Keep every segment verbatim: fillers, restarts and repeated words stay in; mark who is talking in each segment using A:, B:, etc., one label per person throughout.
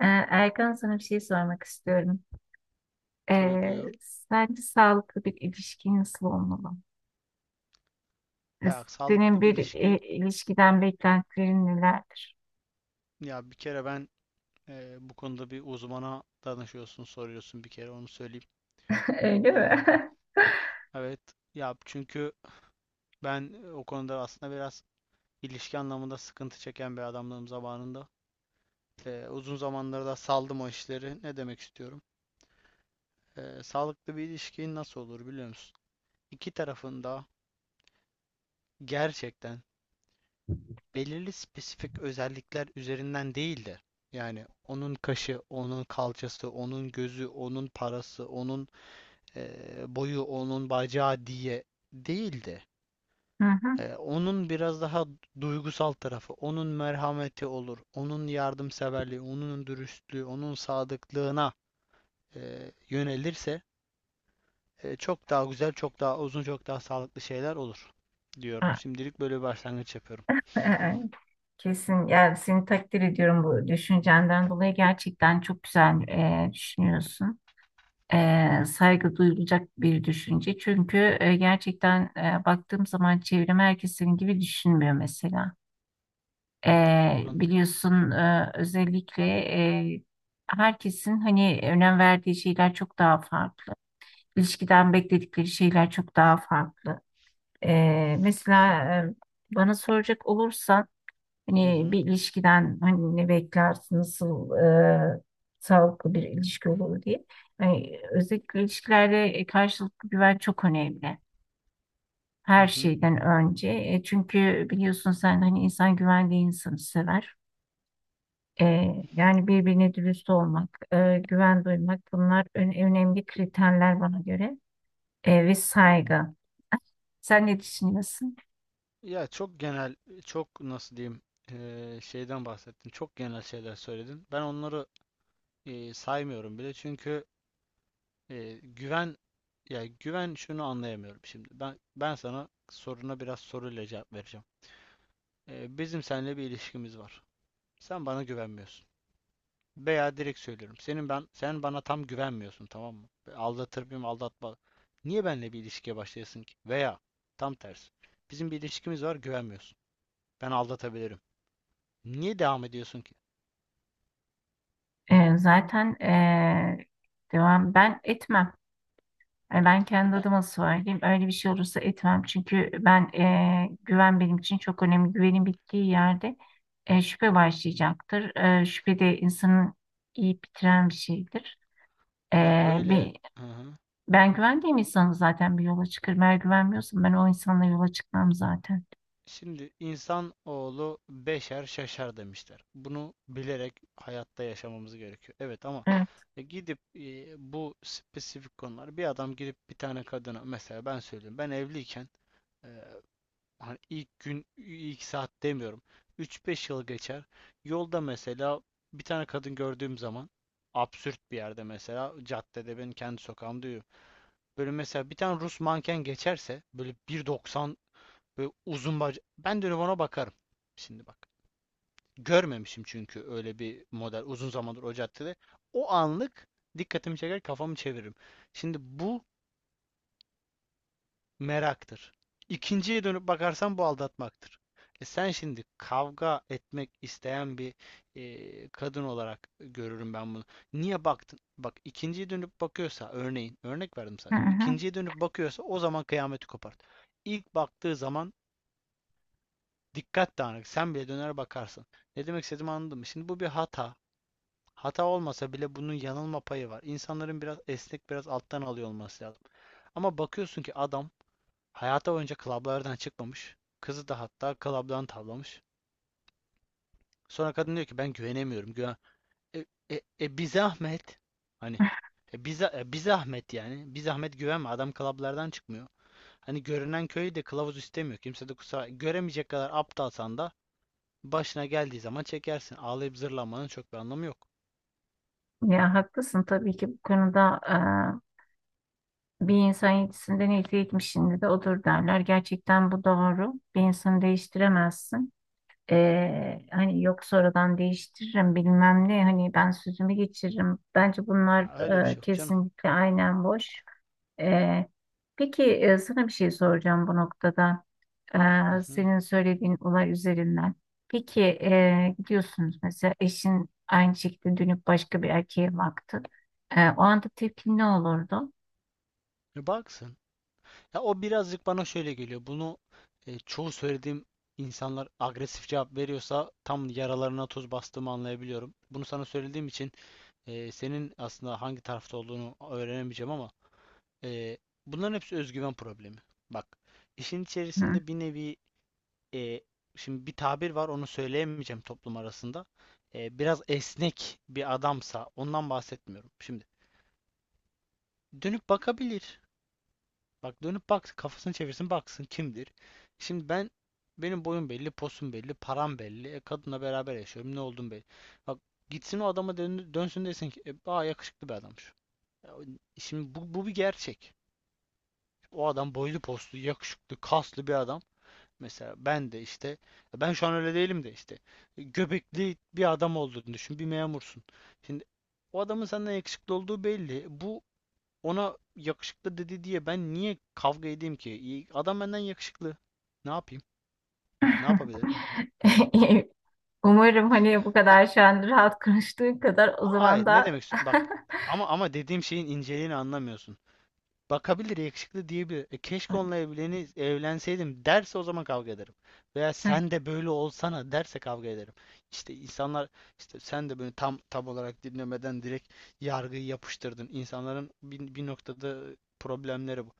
A: Ee, Erkan, sana bir şey sormak istiyorum.
B: Tabii
A: Ee,
B: buyur.
A: Sence sağlıklı bir ilişki nasıl olmalı? Ee,
B: Ya
A: Senin
B: sağlıklı bir
A: bir e,
B: ilişki.
A: ilişkiden beklentilerin nelerdir?
B: Ya bir kere ben e, bu konuda bir uzmana danışıyorsun, soruyorsun bir kere onu söyleyeyim.
A: Öyle
B: E,
A: mi?
B: evet. Ya çünkü ben e, o konuda aslında biraz ilişki anlamında sıkıntı çeken bir adamlığım zamanında. E, uzun zamanlarda da saldım o işleri. Ne demek istiyorum? E, sağlıklı bir ilişki nasıl olur biliyor musun? İki tarafında gerçekten belirli spesifik özellikler üzerinden değil de yani onun kaşı, onun kalçası, onun gözü, onun parası, onun eee, boyu, onun bacağı diye değil de
A: Hı hı.
B: eee, onun biraz daha duygusal tarafı, onun merhameti olur, onun yardımseverliği, onun dürüstlüğü, onun sadıklığına eee, yönelirse eee, çok daha güzel, çok daha uzun, çok daha sağlıklı şeyler olur diyorum.
A: Ha,
B: Şimdilik böyle bir başlangıç yapıyorum.
A: e, Kesin, yani seni takdir ediyorum bu düşüncenden dolayı. Gerçekten çok güzel e, düşünüyorsun. E, saygı duyulacak bir düşünce. Çünkü e, gerçekten e, baktığım zaman çevrem herkes senin gibi düşünmüyor mesela. Eee,
B: Anladın?
A: biliyorsun eee, özellikle eee, herkesin hani önem verdiği şeyler çok daha farklı. İlişkiden bekledikleri şeyler çok daha farklı. Eee, mesela eee, bana soracak olursan
B: Hı
A: hani bir
B: hı.
A: ilişkiden hani ne beklersin, nasıl eee, sağlıklı bir ilişki olur diye. Yani özellikle ilişkilerde e, karşılıklı güven çok önemli.
B: Hı
A: Her
B: hı.
A: şeyden önce. E, çünkü biliyorsun sen, hani insan güvendiği insanı sever. Ee, yani birbirine dürüst olmak, e, güven duymak, bunlar ön- önemli kriterler bana göre. Ee, ve saygı. Sen ne düşünüyorsun?
B: Ya çok genel, çok nasıl diyeyim eee, şeyden bahsettin. Çok genel şeyler söyledin. Ben onları eee, saymıyorum bile çünkü eee, güven, ya güven şunu anlayamıyorum şimdi. Ben ben sana soruna biraz soruyla cevap vereceğim. Eee, bizim seninle bir ilişkimiz var. Sen bana güvenmiyorsun. Veya direkt söylüyorum. Senin ben sen bana tam güvenmiyorsun, tamam mı? Ve aldatır mıyım, aldatma. Niye benimle bir ilişkiye başlayasın ki? Veya tam tersi. Bizim bir ilişkimiz var, güvenmiyorsun. Ben aldatabilirim. Niye devam ediyorsun ki?
A: Ee, zaten ee, devam ben etmem. Yani ben kendi
B: Ya,
A: adıma söyleyeyim. Öyle bir şey olursa etmem. Çünkü ben ee, güven benim için çok önemli. Güvenin bittiği yerde ee, şüphe başlayacaktır. Ee, şüphe de insanın iyi bitiren bir şeydir.
B: ya öyle. Hı hı.
A: Ben güvendiğim insanı zaten bir yola çıkarım. Eğer güvenmiyorsam ben o insanla yola çıkmam zaten.
B: Şimdi insan oğlu beşer şaşar demişler. Bunu bilerek hayatta yaşamamız gerekiyor. Evet ama
A: Evet.
B: e, gidip e, bu spesifik konular, bir adam gidip bir tane kadına, mesela ben söyleyeyim, ben evliyken, e, hani ilk gün ilk saat demiyorum, üç beş yıl geçer, yolda mesela bir tane kadın gördüğüm zaman, absürt bir yerde, mesela caddede, ben kendi sokağımda böyle mesela bir tane Rus manken geçerse, böyle bir doksan, böyle uzun bacak. Ben dönüp ona bakarım. Şimdi bak. Görmemişim çünkü öyle bir model uzun zamandır o caddede. O anlık dikkatimi çeker, kafamı çeviririm. Şimdi bu meraktır. İkinciye dönüp bakarsan bu aldatmaktır. E sen şimdi kavga etmek isteyen bir e, kadın olarak görürüm ben bunu. Niye baktın? Bak, ikinciye dönüp bakıyorsa, örneğin, örnek verdim
A: Hı
B: sadece.
A: hı.
B: İkinciye dönüp bakıyorsa o zaman kıyameti kopart. İlk baktığı zaman dikkat dağınık. Sen bile döner bakarsın. Ne demek istediğimi anladın mı? Şimdi bu bir hata. Hata olmasa bile bunun yanılma payı var. İnsanların biraz esnek, biraz alttan alıyor olması lazım. Ama bakıyorsun ki adam Hayata boyunca klaplardan çıkmamış. Kızı da hatta klaptan tavlamış. Sonra kadın diyor ki ben güvenemiyorum. Güven e, e, e bir zahmet. Hani e, bir, za- e, bir zahmet yani. Bir zahmet güvenme. Adam klaplardan çıkmıyor. Hani görünen köyü de kılavuz istemiyor. Kimse de kusura göremeyecek kadar aptalsan da başına geldiği zaman çekersin. Ağlayıp zırlamanın çok bir anlamı yok.
A: Ya haklısın tabii ki. Bu konuda e, bir insan yetisinden elde etmişinde de odur derler. Gerçekten bu doğru. Bir insanı değiştiremezsin. E, hani yok, sonradan değiştiririm bilmem ne, hani ben sözümü geçiririm. Bence bunlar
B: Ya öyle bir
A: e,
B: şey yok canım.
A: kesinlikle aynen boş. E, peki, e, sana bir şey soracağım bu noktada.
B: Hı
A: E,
B: hı.
A: senin söylediğin olay üzerinden. Peki, e, gidiyorsunuz mesela, eşin aynı şekilde dönüp başka bir erkeğe baktı. E, o anda tepkin ne olurdu?
B: E baksın. Ya o birazcık bana şöyle geliyor. Bunu e, çoğu söylediğim insanlar agresif cevap veriyorsa tam yaralarına tuz bastığımı anlayabiliyorum. Bunu sana söylediğim için e, senin aslında hangi tarafta olduğunu öğrenemeyeceğim, ama e, bunların hepsi özgüven problemi. Bak, işin
A: Hı.
B: içerisinde bir nevi, e, şimdi bir tabir var, onu söyleyemeyeceğim toplum arasında. E, biraz esnek bir adamsa, ondan bahsetmiyorum. Şimdi dönüp bakabilir. Bak, dönüp baksın, kafasını çevirsin baksın kimdir. Şimdi ben benim boyum belli, posum belli, param belli. E, kadınla beraber yaşıyorum. Ne oldum belli. Bak, gitsin o adama dön, dönsün, desin ki e, aa yakışıklı bir adammış. Şimdi bu, bu bir gerçek. O adam boylu poslu, yakışıklı, kaslı bir adam. Mesela ben de işte, ben şu an öyle değilim de işte e, göbekli bir adam olduğunu düşün. Bir memursun. Şimdi o adamın senden yakışıklı olduğu belli. Bu, ona yakışıklı dedi diye ben niye kavga edeyim ki? İyi- Adam benden yakışıklı. Ne yapayım? Ne yapabilirim?
A: Umarım hani bu
B: Ha,
A: kadar şu an rahat konuştuğun kadar o
B: hayır,
A: zaman
B: ne
A: da
B: demek istiyorum? Bak, ama ama dediğim şeyin inceliğini anlamıyorsun. Bakabilir, yakışıklı diyebilir. E, keşke onunla evleni, evlenseydim derse o zaman kavga ederim. Veya
A: Hı,
B: sen de böyle olsana derse kavga ederim. İşte insanlar, işte sen de böyle tam tam olarak dinlemeden direkt yargıyı yapıştırdın. İnsanların bir, bir noktada problemleri bu.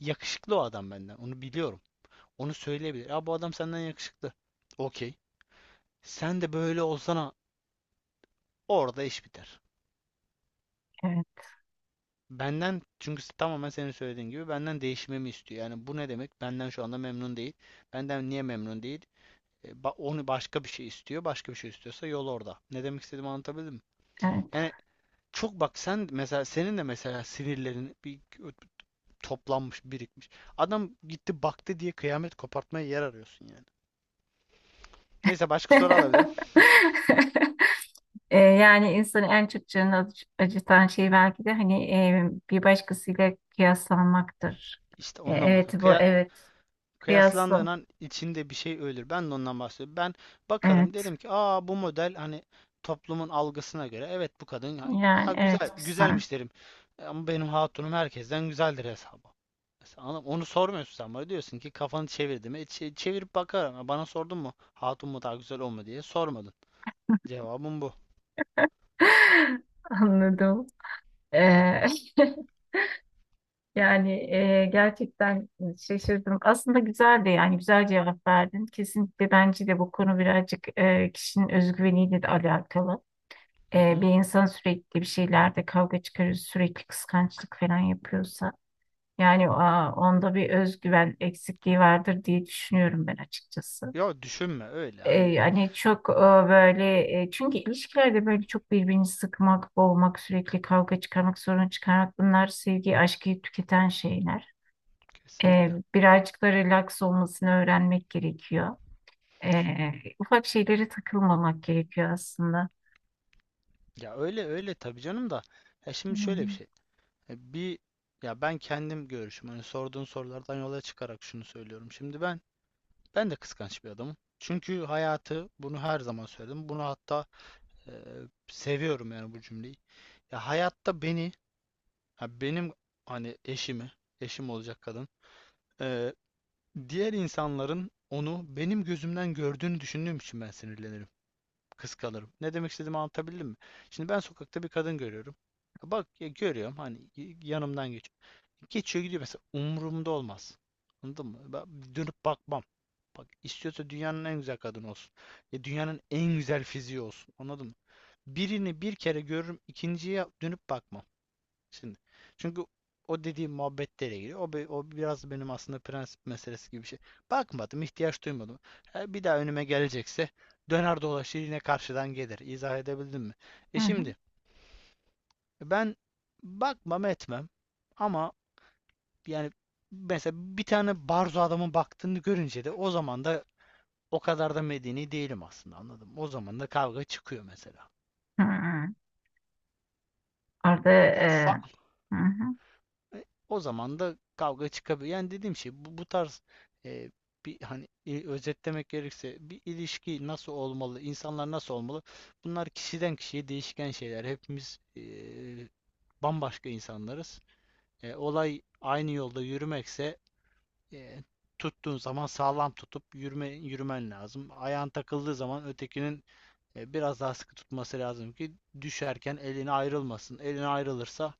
B: Yakışıklı o adam benden. Onu biliyorum. Onu söyleyebilir. Ya bu adam senden yakışıklı. Okey. Sen de böyle olsana, orada iş biter.
A: evet,
B: Benden, çünkü tamamen senin söylediğin gibi benden değişmemi istiyor. Yani bu ne demek? Benden şu anda memnun değil. Benden niye memnun değil? E, Onu başka bir şey istiyor. Başka bir şey istiyorsa yol orada. Ne demek istediğimi anlatabildim mi?
A: evet.
B: Yani çok bak, sen mesela senin de mesela sinirlerin bir toplanmış, birikmiş. Adam gitti baktı diye kıyamet kopartmaya yer arıyorsun yani. Neyse, başka soru alabilirim.
A: E, yani insanı en çok canını acı- acıtan şey belki de hani e, bir başkasıyla kıyaslanmaktır.
B: İşte
A: E,
B: onunla
A: evet,
B: bahsediyorum.
A: bu
B: Kıya-
A: evet.
B: Kıyaslandığın
A: Kıyaslı.
B: an içinde bir şey ölür. Ben de ondan bahsediyorum. Ben bakarım,
A: Evet.
B: derim ki aa bu model hani toplumun algısına göre evet bu kadın ha,
A: Yani
B: ha,
A: evet,
B: güzel
A: güzel.
B: güzelmiş derim. E, ama benim hatunum herkesten güzeldir hesabı. Mesela anladın mı? Onu sormuyorsun sen, bana diyorsun ki kafanı çevirdim. E, çe- çevirip bakarım. Ha, bana sordun mu hatun mu daha güzel o mu diye sormadın. Cevabım bu.
A: Anladım. Ee, yani e, gerçekten şaşırdım. Aslında güzeldi, yani güzel cevap verdin. Kesinlikle bence de bu konu birazcık e, kişinin özgüveniyle de alakalı.
B: Hı
A: E,
B: hı.
A: bir insan sürekli bir şeylerde kavga çıkarır, sürekli kıskançlık falan yapıyorsa, yani aa, onda bir özgüven eksikliği vardır diye düşünüyorum ben açıkçası.
B: Ya düşünme öyle,
A: E,
B: hani
A: yani çok e, böyle e, çünkü ilişkilerde böyle çok birbirini sıkmak, boğmak, sürekli kavga çıkarmak, sorun çıkarmak, bunlar sevgi, aşkı tüketen şeyler. E,
B: kesinlikle.
A: birazcık da relax olmasını öğrenmek gerekiyor. E, Ufak şeylere takılmamak gerekiyor aslında.
B: Ya öyle öyle tabii canım da. Ya şimdi şöyle bir
A: Hmm.
B: şey. E, Bir, ya ben kendim görüşüm. Hani sorduğun sorulardan yola çıkarak şunu söylüyorum. Şimdi ben ben de kıskanç bir adamım. Çünkü hayatı bunu her zaman söyledim. Bunu hatta e, seviyorum yani bu cümleyi. Ya hayatta beni, ha benim hani eşimi, eşim olacak kadın. e, Diğer insanların onu benim gözümden gördüğünü düşündüğüm için ben sinirlenirim, kıskanırım. Ne demek istediğimi anlatabildim mi? Şimdi ben sokakta bir kadın görüyorum. Bak, ya görüyorum, hani y- yanımdan geçiyor. Geçiyor gidiyor mesela. Umurumda olmaz. Anladın mı? Ben dönüp bakmam. Bak, istiyorsa dünyanın en güzel kadını olsun. Ya dünyanın en güzel fiziği olsun. Anladın mı? Birini bir kere görürüm, ikinciye dönüp bakmam. Şimdi. Çünkü o dediğim muhabbetlere giriyor. O, be- o biraz benim aslında prensip meselesi gibi bir şey. Bakmadım, ihtiyaç duymadım. Ha, bir daha önüme gelecekse döner dolaşır yine karşıdan gelir. İzah edebildim mi? E
A: Hı hı.
B: şimdi ben bakmam etmem, ama yani mesela bir tane barzo adamın baktığını görünce de o zaman da o kadar da medeni değilim aslında, anladım. O zaman da kavga çıkıyor mesela.
A: Hı hı. Orada
B: Ha,
A: e,
B: fa-
A: hı hı.
B: O zaman da kavga çıkabiliyor. Yani dediğim şey bu, bu tarz e, bir, hani, e, özetlemek gerekirse bir ilişki nasıl olmalı, insanlar nasıl olmalı? Bunlar kişiden kişiye değişken şeyler. Hepimiz e, bambaşka insanlarız. E, olay aynı yolda yürümekse, e, tuttuğun zaman sağlam tutup yürüme, yürümen lazım. Ayağın takıldığı zaman ötekinin e, biraz daha sıkı tutması lazım ki düşerken eline ayrılmasın. Eline ayrılırsa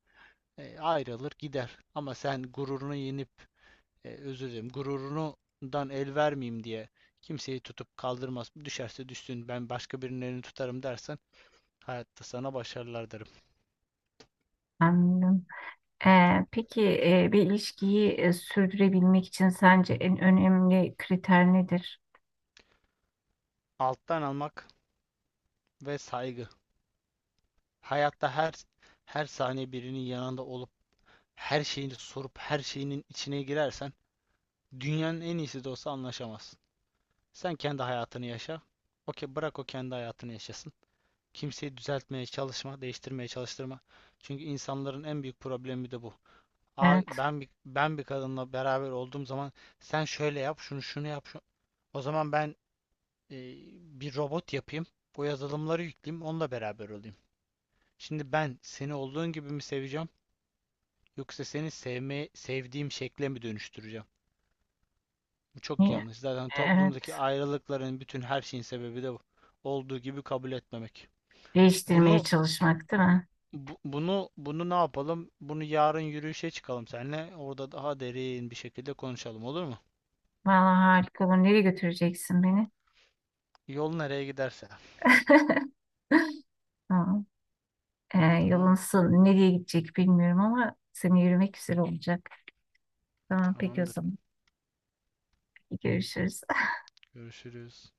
B: e, ayrılır gider. Ama sen gururunu yenip e, özür dilerim, gururundan el vermeyeyim diye kimseyi tutup kaldırmaz. Düşerse düşsün, ben başka birinin elini tutarım dersen, hayatta sana başarılar derim.
A: Anladım. E, peki, e, bir ilişkiyi e, sürdürebilmek için sence en önemli kriter nedir?
B: Alttan almak ve saygı. Hayatta her her saniye birinin yanında olup her şeyini sorup her şeyinin içine girersen dünyanın en iyisi de olsa anlaşamazsın. Sen kendi hayatını yaşa. Okey, bırak o kendi hayatını yaşasın. Kimseyi düzeltmeye çalışma, değiştirmeye çalıştırma. Çünkü insanların en büyük problemi de bu. Aa,
A: Evet.
B: ben bir, ben bir kadınla beraber olduğum zaman sen şöyle yap, şunu şunu yap. Şu-" O zaman ben e, bir robot yapayım. O yazılımları yükleyeyim, onunla beraber olayım. Şimdi ben seni olduğun gibi mi seveceğim, yoksa seni sevme, sevdiğim şekle mi dönüştüreceğim? Bu çok
A: Niye?
B: yanlış. Zaten toplumdaki
A: Evet.
B: ayrılıkların bütün her şeyin sebebi de bu. Olduğu gibi kabul etmemek.
A: Değiştirmeye
B: Bunu
A: çalışmak değil mi?
B: bu- bunu bunu ne yapalım? Bunu yarın yürüyüşe çıkalım seninle. Orada daha derin bir şekilde konuşalım, olur mu?
A: Vallahi harika olur. Nereye götüreceksin beni?
B: Yol nereye giderse.
A: Tamam. Ee, yolun
B: Tamam,
A: son- nereye gidecek bilmiyorum ama seni yürümek güzel olacak. Tamam peki o
B: tamamdır.
A: zaman. Görüşürüz.
B: Görüşürüz.